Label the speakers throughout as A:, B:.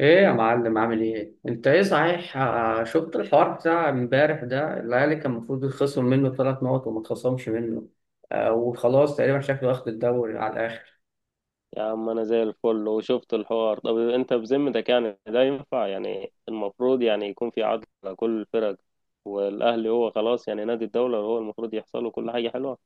A: ايه يا معلم؟ عامل ايه انت؟ ايه صحيح. شفت الحوار بتاع امبارح ده؟ الاهلي كان المفروض يتخصم منه ثلاث نقط وما اتخصمش منه. آه وخلاص تقريبا شكله واخد الدوري على الاخر.
B: يا عم انا زي الفل وشفت الحوار. طب انت بذمتك يعني ده ينفع؟ يعني المفروض يعني يكون في عدل على كل الفرق. والاهلي هو خلاص يعني نادي الدوله، هو المفروض يحصل له كل حاجه حلوه.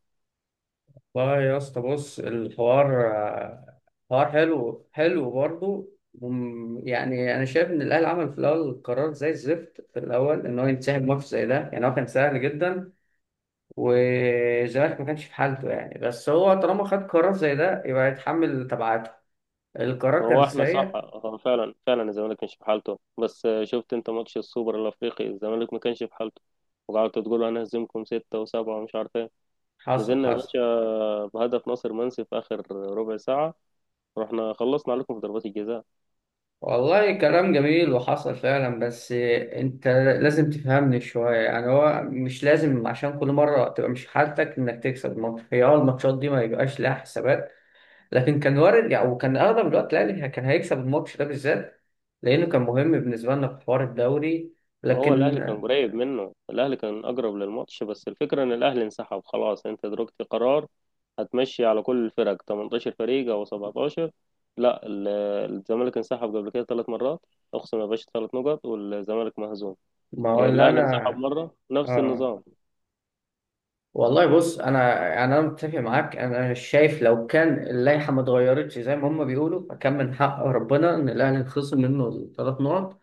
A: والله يا اسطى بص الحوار حوار حلو حلو برضه. يعني انا شايف ان الاهلي عمل في الاول قرار زي الزفت، في الاول ان هو ينسحب ماتش زي ده يعني هو كان سهل جدا. والزمالك ما كانش في حالته يعني، بس هو طالما خد قرار زي ده يبقى يتحمل تبعاته.
B: ما
A: القرار كان
B: هو احنا صح،
A: سيء.
B: هو فعلا فعلا الزمالك مش في حالته، بس شفت انت ماتش السوبر الافريقي؟ الزمالك ما كانش في حالته، وقعدتوا تقولوا انا هزمكم ستة وسبعة ومش عارف ايه.
A: حصل
B: نزلنا يا
A: حصل.
B: باشا بهدف ناصر منسي في اخر ربع ساعة. رحنا خلصنا عليكم في ضربات الجزاء.
A: والله كلام جميل وحصل فعلا، بس انت لازم تفهمني شوية يعني. هو مش لازم عشان كل مرة تبقى مش حالتك انك تكسب الماتش، هي اه الماتشات دي ما يبقاش لها حسابات. لكن كان وارد يعني، وكان اغلب الوقت الاهلي كان هيكسب الماتش ده بالذات لانه كان مهم بالنسبة لنا في حوار الدوري.
B: هو
A: لكن
B: الاهلي كان قريب منه، الاهلي كان اقرب للماتش، بس الفكره ان الاهلي انسحب. خلاص، انت دركت قرار هتمشي على كل الفرق، 18 فريق او 17. لا، الزمالك انسحب قبل كده 3 مرات. اقسم يا باشا، 3 نقط والزمالك مهزوم.
A: ما ولا
B: الاهلي
A: انا.
B: انسحب مره نفس
A: اه
B: النظام.
A: والله بص، انا يعني انا متفق معاك، انا شايف لو كان اللائحه ما اتغيرتش زي ما هم بيقولوا فكان من حق ربنا ان الاهلي يتخصم منه الثلاث نقط.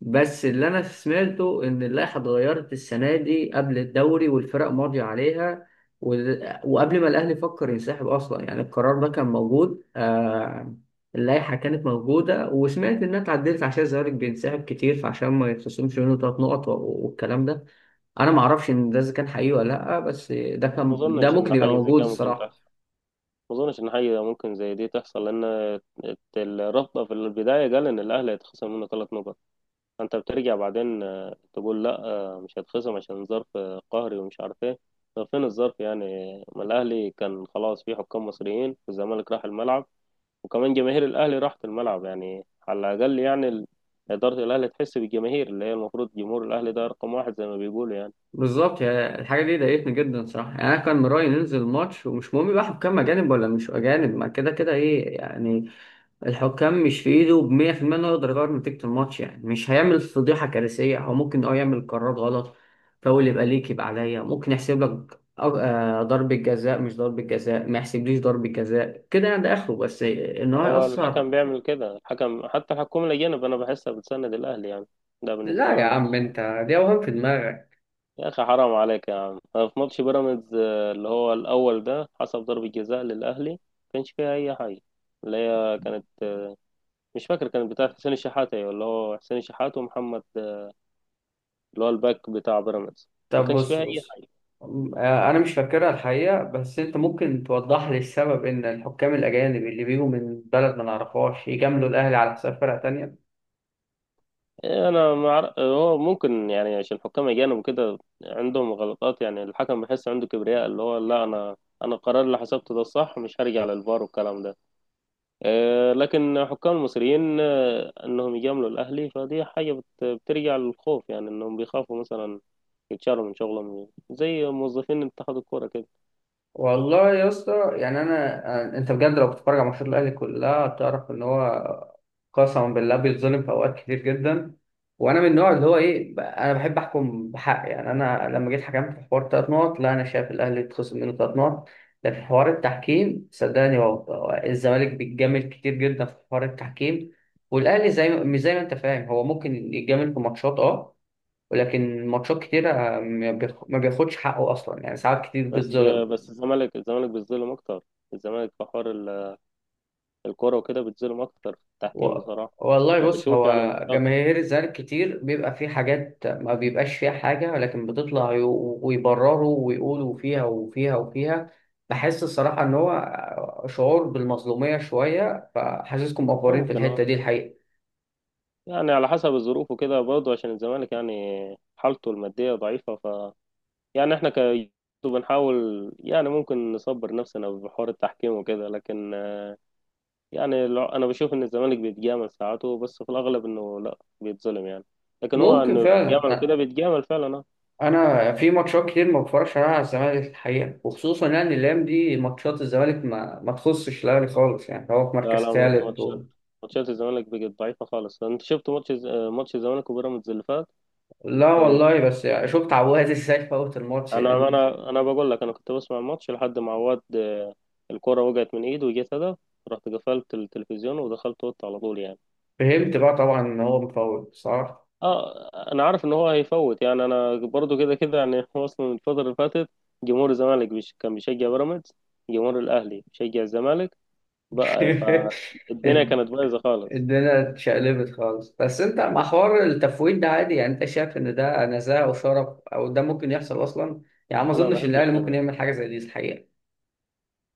A: بس اللي انا سمعته ان اللائحه اتغيرت السنه دي قبل الدوري والفرق ماضيه عليها و... وقبل ما الاهلي فكر ينسحب اصلا يعني القرار ده كان موجود. اللائحه كانت موجوده وسمعت انها اتعدلت عشان الزمالك بينسحب كتير فعشان ما يتخصمش منه ثلاث نقط والكلام ده. انا ما اعرفش ان ده اذا كان حقيقي ولا لا، بس ده
B: ما
A: كان ده
B: اظنش
A: ممكن
B: ان
A: يبقى
B: حاجه زي
A: موجود
B: كده ممكن
A: الصراحه.
B: تحصل، ما اظنش ان حاجه ممكن زي دي تحصل، لان الرابطه في البدايه قال ان الاهلي هيتخصم منه 3 نقط. انت بترجع بعدين تقول لا، مش هتخصم عشان ظرف قهري ومش عارف ايه. طب فين الظرف يعني؟ ما الاهلي كان خلاص فيه حكام مصريين، والزمالك راح الملعب، وكمان جماهير الاهلي راحت الملعب. يعني على الاقل يعني اداره الاهلي تحس بالجماهير، اللي هي المفروض جمهور الاهلي ده رقم واحد زي ما بيقولوا يعني.
A: الحاجه دي ضايقتني جدا صراحه يعني، انا كان من رايي ننزل الماتش ومش مهم بقى حكام اجانب ولا مش اجانب، ما كده كده ايه يعني. الحكام مش في ايده ب 100% انه يقدر يغير نتيجه الماتش يعني، مش هيعمل فضيحه كارثيه، هو ممكن اه يعمل قرار غلط. فاول يبقى ليك يبقى عليا، ممكن يحسب لك ضربة جزاء مش ضربة جزاء، ما يحسبليش ضربة جزاء كده يعني، ده اخره بس ان هو
B: هو
A: يأثر.
B: الحكم بيعمل كده، الحكم حتى الحكومه الاجانب انا بحسها بتسند الاهلي يعني، ده بالنسبه
A: لا
B: لي
A: يا
B: انا.
A: عم انت دي اوهام في دماغك.
B: يا اخي حرام عليك يا عم، في ماتش بيراميدز اللي هو الاول ده، حسب ضربة جزاء للاهلي ما كانش فيها اي حاجة. اللي هي كانت، مش فاكر، كانت بتاع حسين الشحات، ايوه اللي هو حسين الشحات ومحمد، اللي هو الباك بتاع بيراميدز، ما
A: طب
B: كانش
A: بص
B: فيها اي
A: بص.
B: حاجة.
A: انا مش فاكرها الحقيقه، بس انت ممكن توضح لي السبب ان الحكام الاجانب اللي بيجوا من بلد ما نعرفهاش يجاملوا الاهلي على حساب فرقه تانية؟
B: إيه، انا ما أعرف- هو ممكن يعني عشان حكام اجانب وكده عندهم غلطات يعني. الحكم بحس عنده كبرياء، اللي هو لا، انا القرار اللي حسبته ده الصح، مش هرجع للفار والكلام ده. لكن حكام المصريين، انهم يجاملوا الاهلي، فدي حاجه بترجع للخوف. يعني انهم بيخافوا مثلا يتشالوا من شغلهم زي موظفين اتحاد الكوره كده.
A: والله يا اسطى يعني انا، انت بجد لو بتتفرج على ماتشات الاهلي كلها هتعرف ان هو قسما بالله بيتظلم في اوقات كتير جدا. وانا من النوع اللي هو ايه، انا بحب احكم بحق يعني. انا لما جيت حكمت في حوار ثلاث نقط، لا انا شايف الاهلي اتخصم منه ثلاث نقط. لكن حوار التحكيم صدقني، هو الزمالك بيتجامل كتير جدا في حوار التحكيم. والاهلي زي ما، مش زي ما انت فاهم، هو ممكن يتجامل في ماتشات اه، ولكن ماتشات كتيرة ما بياخدش حقه اصلا يعني، ساعات كتير
B: بس آه،
A: بيتظلم.
B: بس الزمالك بيتظلم اكتر. الزمالك في حوار الكوره وكده بيتظلم اكتر في
A: و...
B: التحكيم بصراحه.
A: والله
B: انا
A: بص،
B: بشوف يعني
A: هو جماهير الزمالك كتير بيبقى في حاجات ما بيبقاش فيها حاجة ولكن بتطلع ويبرروا ويقولوا فيها وفيها وفيها. بحس الصراحة إن هو شعور بالمظلومية شوية، فحاسسكم مقفورين في
B: ممكن،
A: الحتة
B: اه.
A: دي الحقيقة.
B: يعني على حسب الظروف وكده برضه عشان الزمالك يعني حالته الماديه ضعيفه، يعني احنا، بنحاول يعني، ممكن نصبر نفسنا بحوار التحكيم وكده، لكن يعني، انا بشوف ان الزمالك بيتجامل ساعاته، بس في الاغلب انه لا بيتظلم يعني. لكن هو
A: ممكن
B: انه
A: فعلا.
B: بيتجامل كده
A: أ-
B: بيتجامل فعلا، اه.
A: أنا في ماتشات كتير ما بتفرجش عليها على الزمالك الحقيقة، وخصوصا يعني الأيام دي ماتشات الزمالك ما تخصش الأهلي خالص يعني، هو في
B: لا
A: مركز
B: لا،
A: تالت
B: ماتشات الزمالك بقت ضعيفه خالص. انت شفت ماتش ماتش الزمالك وبيراميدز اللي فات.
A: لا
B: آه،
A: والله، بس يعني شفت عواد ازاي فوت الماتش
B: انا
A: يعني.
B: انا انا بقول لك، انا كنت بسمع الماتش لحد ما عواد الكرة وقعت من ايده وجت هدف. رحت قفلت التلفزيون ودخلت اوضتي على طول يعني.
A: فهمت بقى طبعا ان هو مفوت صح.
B: اه، انا عارف ان هو هيفوت يعني، انا برضو كده كده يعني هو اصلا الفتره اللي فاتت جمهور الزمالك كان بيشجع بيراميدز، جمهور الاهلي بيشجع الزمالك بقى، فالدنيا
A: الد-
B: كانت بايظه خالص.
A: الدنيا اتشقلبت خالص. بس انت مع حوار التفويت ده عادي يعني؟ انت شايف ان ده نزاهه وشرف او ده ممكن يحصل اصلا؟ يعني ما
B: انا ما
A: اظنش ان
B: بحبش
A: الاهلي ممكن
B: كده.
A: يعمل حاجه زي دي الحقيقه.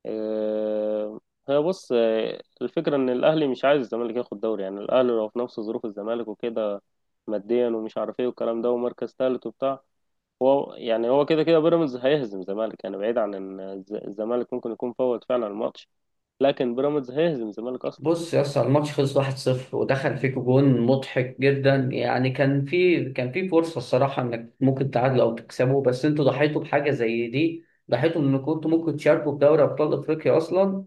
B: آه، هي بص، الفكره ان الاهلي مش عايز الزمالك ياخد دوري، يعني الاهلي لو في نفس ظروف الزمالك وكده، ماديا ومش عارف ايه والكلام ده ومركز ثالث وبتاع. هو يعني هو كده كده بيراميدز هيهزم الزمالك يعني، بعيد عن ان الزمالك ممكن يكون فوت فعلا الماتش، لكن بيراميدز هيهزم الزمالك اصلا.
A: بص يا اسطى، الماتش خلص 1-0 ودخل فيك جون مضحك جدا يعني، كان في كان في فرصه الصراحه انك ممكن تعادلوا او تكسبوا، بس انتوا ضحيتوا بحاجه زي دي. ضحيتوا ان كنتوا ممكن تشاركوا في دوري ابطال افريقيا اصلا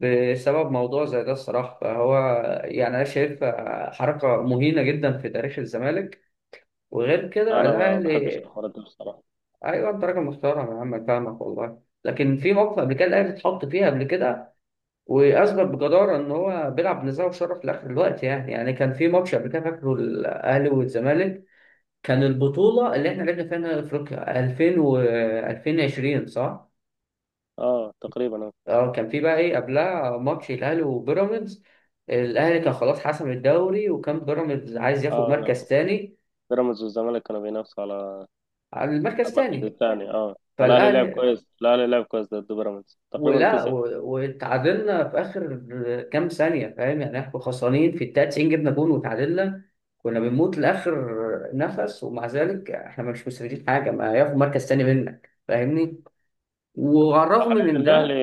A: بسبب موضوع زي ده الصراحة. فهو يعني أنا شايف حركة مهينة جدا في تاريخ الزمالك. وغير كده
B: انا ما بحبش
A: الأهلي،
B: الحوارات دي بصراحه.
A: أيوه أنت راجل محترم يا عم، أنا فاهمك والله، لكن في موقف قبل كده الأهلي اتحط فيها قبل كده وأثبت بجدارة إن هو بيلعب بنزاهة وشرف لآخر الوقت يعني. يعني كان في ماتش قبل كده فاكره، الأهلي والزمالك، كان البطولة اللي إحنا لعبنا فيها نهائي أفريقيا 2000 و 2020 صح؟
B: اه تقريبا اه.
A: اه كان في بقى ايه قبلها، ماتش الاهلي وبيراميدز، الاهلي كان خلاص حسم الدوري وكان بيراميدز عايز ياخد مركز
B: آه،
A: تاني.
B: بيراميدز والزمالك كانوا بينافسوا على
A: على المركز
B: المركز
A: تاني
B: الثاني. اه، فالاهلي لعب
A: فالاهلي
B: كويس، الاهلي لعب كويس ضد بيراميدز، تقريبا كسب.
A: واتعادلنا في اخر كام ثانيه فاهم يعني، احنا خسرانين في الدقيقه 90 جبنا جون وتعادلنا، كنا بنموت لاخر نفس، ومع ذلك احنا مش مستفيدين حاجه، ما ياخد مركز تاني منك فاهمني، وعلى الرغم
B: وحاليا
A: من
B: الاهلي
A: ده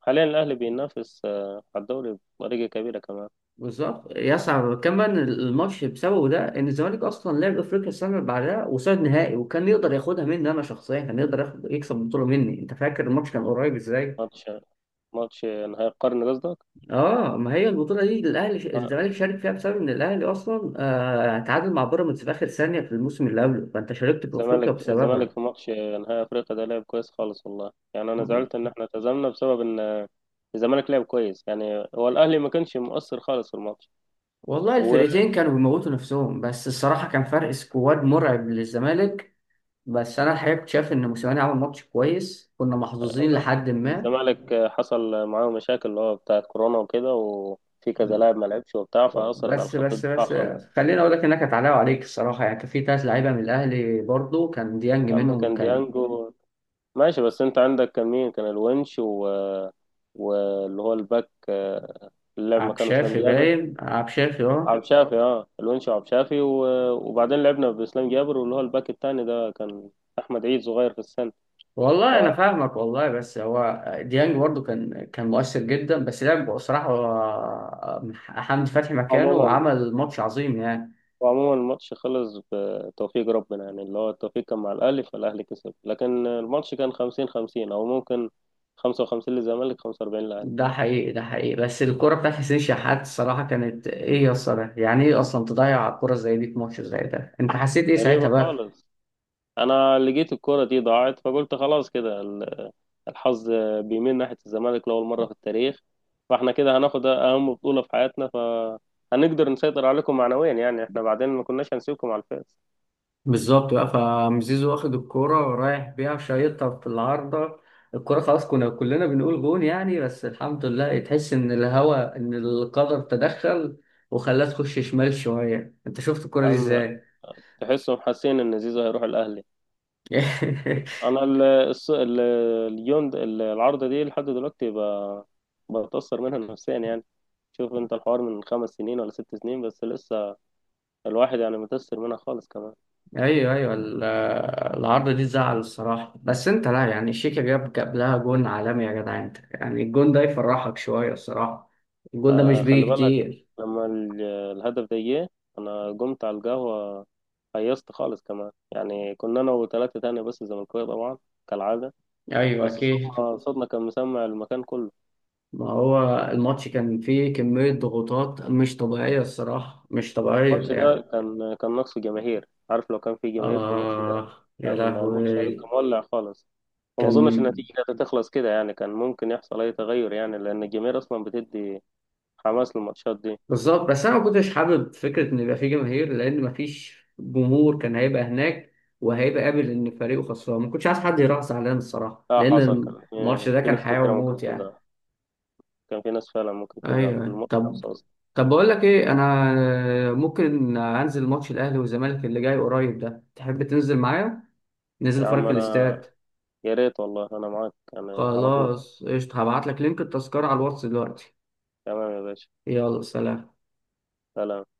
B: حاليا الاهلي بينافس على الدوري بطريقه كبيره كمان.
A: بالظبط يصعب كمان الماتش بسببه ده، ان الزمالك اصلا لعب افريقيا السنه اللي بعدها وصعد نهائي وكان يقدر ياخدها مني انا شخصيا، كان يقدر ياخد يكسب البطوله مني، انت فاكر الماتش كان قريب ازاي.
B: ماتش ماتش نهائي القرن قصدك.
A: اه ما هي البطوله دي الاهلي
B: آه،
A: الزمالك شارك فيها بسبب ان الاهلي اصلا آه تعادل مع بيراميدز في اخر ثانيه في الموسم اللي قبله، فانت شاركت في افريقيا
B: الزمالك
A: بسببها.
B: في ماتش نهائي افريقيا ده لعب كويس خالص، والله. يعني انا زعلت ان احنا هزمنا بسبب ان الزمالك لعب كويس يعني، هو الاهلي ما كانش مؤثر خالص في الماتش.
A: والله الفرقتين كانوا بيموتوا نفسهم، بس الصراحه كان فرق سكواد مرعب للزمالك. بس انا الحقيقه كنت شايف ان موسيماني عمل ماتش كويس كنا محظوظين
B: والزمالك
A: لحد ما.
B: حصل معاه مشاكل اللي هو بتاعت كورونا وكده، وفي كذا لاعب ما لعبش وبتاع، فأثرت على
A: بس
B: خط
A: بس
B: الدفاع
A: بس،
B: خالص.
A: خليني اقول لك انها كانت علاء عليك الصراحه، يعني كان في ثلاث لعيبه من الاهلي برضو، كان ديانج
B: يا عم
A: منهم،
B: كان
A: كان
B: ديانجو، ماشي، بس انت عندك كان مين، كان الونش، و... واللي هو الباك اللي لعب
A: عبد
B: مكانه اسلام
A: شافي
B: جابر،
A: باين، عبد شافي اه.
B: عبد شافي. اه، الونش وعبد شافي وبعدين لعبنا باسلام جابر، واللي هو الباك التاني ده، كان احمد عيد صغير في السن.
A: والله انا فاهمك والله، بس هو ديانج برضو كان مؤثر جدا، بس لعب بصراحه حمدي فتحي مكانه
B: فعموما
A: وعمل ماتش عظيم يعني.
B: وعموما الماتش خلص بتوفيق ربنا يعني، اللي هو التوفيق كان مع الأهلي، فالأهلي كسب. لكن الماتش كان 50-50 أو ممكن 55 للزمالك، 45 للأهلي.
A: ده حقيقي ده حقيقي، بس الكرة بتاعت حسين شحات الصراحة كانت ايه يا اسطى ده؟ يعني ايه اصلا تضيع كرة زي دي في ماتش زي ده؟ انت حسيت ايه ساعتها
B: غريبة
A: بقى؟
B: خالص. أنا لقيت الكرة دي ضاعت، فقلت خلاص كده، الحظ بيميل ناحية الزمالك لأول مرة في التاريخ، فاحنا كده هناخد أهم بطولة في حياتنا، فهنقدر نسيطر عليكم معنويا يعني. احنا بعدين ما كناش هنسيبكم على الفاس،
A: بالظبط بقى، فمزيزو واخد الكورة ورايح بيها شايطها في العارضة. الكورة خلاص كنا كلنا بنقول جون يعني، بس الحمد لله تحس إن الهوا، إن القدر تدخل وخلاها تخش شمال شوية. أنت شفت الكورة دي
B: أما
A: إزاي؟
B: تحسهم حاسين إن زيزو هيروح الأهلي. انا اليوم العارضه دي لحد دلوقتي بتاثر منها نفسيا يعني. شوف انت الحوار من 5 سنين ولا 6 سنين، بس لسه الواحد يعني متاثر منها خالص كمان.
A: أيوه أيوه العارضة دي تزعل الصراحة، بس أنت لا يعني، شيكا جاب لها جون عالمي يا جدع، أنت يعني الجون ده يفرحك شوية الصراحة، الجون ده مش
B: خلي
A: بيجي
B: بالك،
A: كتير.
B: لما الهدف ده جه انا قمت على القهوه، هيصت خالص كمان. يعني كنا انا وثلاثه تاني بس، زملكاويه طبعا كالعاده.
A: أيوه
B: بس
A: أكيد.
B: صوتنا صوتنا كان مسمع المكان كله.
A: ما هو الماتش كان فيه كمية ضغوطات مش طبيعية الصراحة، مش طبيعية
B: الماتش
A: يعني.
B: ده كان نقص جماهير. عارف، لو كان في جماهير في الماتش ده
A: آه يا
B: كان الماتش هيبقى
A: لهوي.
B: مولع خالص، وما
A: كان
B: اظنش النتيجه هتخلص كده يعني، كان ممكن يحصل اي تغير يعني لان الجماهير اصلا بتدي حماس للماتشات دي.
A: بالظبط، بس أنا ما كنتش حابب فكرة إن يبقى فيه جماهير، لأن ما فيش جمهور كان هيبقى هناك وهيبقى قابل إن فريقه خسران، ما كنتش عايز حد يروح زعلان الصراحة
B: اه
A: لأن
B: حصل، كان
A: الماتش
B: في
A: ده
B: في
A: كان
B: ناس
A: حياة
B: كتيره ممكن
A: وموت يعني.
B: تزعل، كان في ناس فعلا ممكن تزعل في
A: أيوه
B: الماتش
A: طب،
B: نفسه اصلا.
A: طب بقول لك إيه، أنا ممكن أنزل ماتش الأهلي والزمالك اللي جاي قريب ده، تحب تنزل معايا؟ ننزل
B: يا عم
A: فرق
B: انا،
A: الاستاد.
B: يا ريت والله انا معاك يعني على طول.
A: خلاص قشطة، هبعت لك لينك التذكرة على الواتس دلوقتي.
B: تمام يا باشا.
A: يلا سلام.
B: سلام.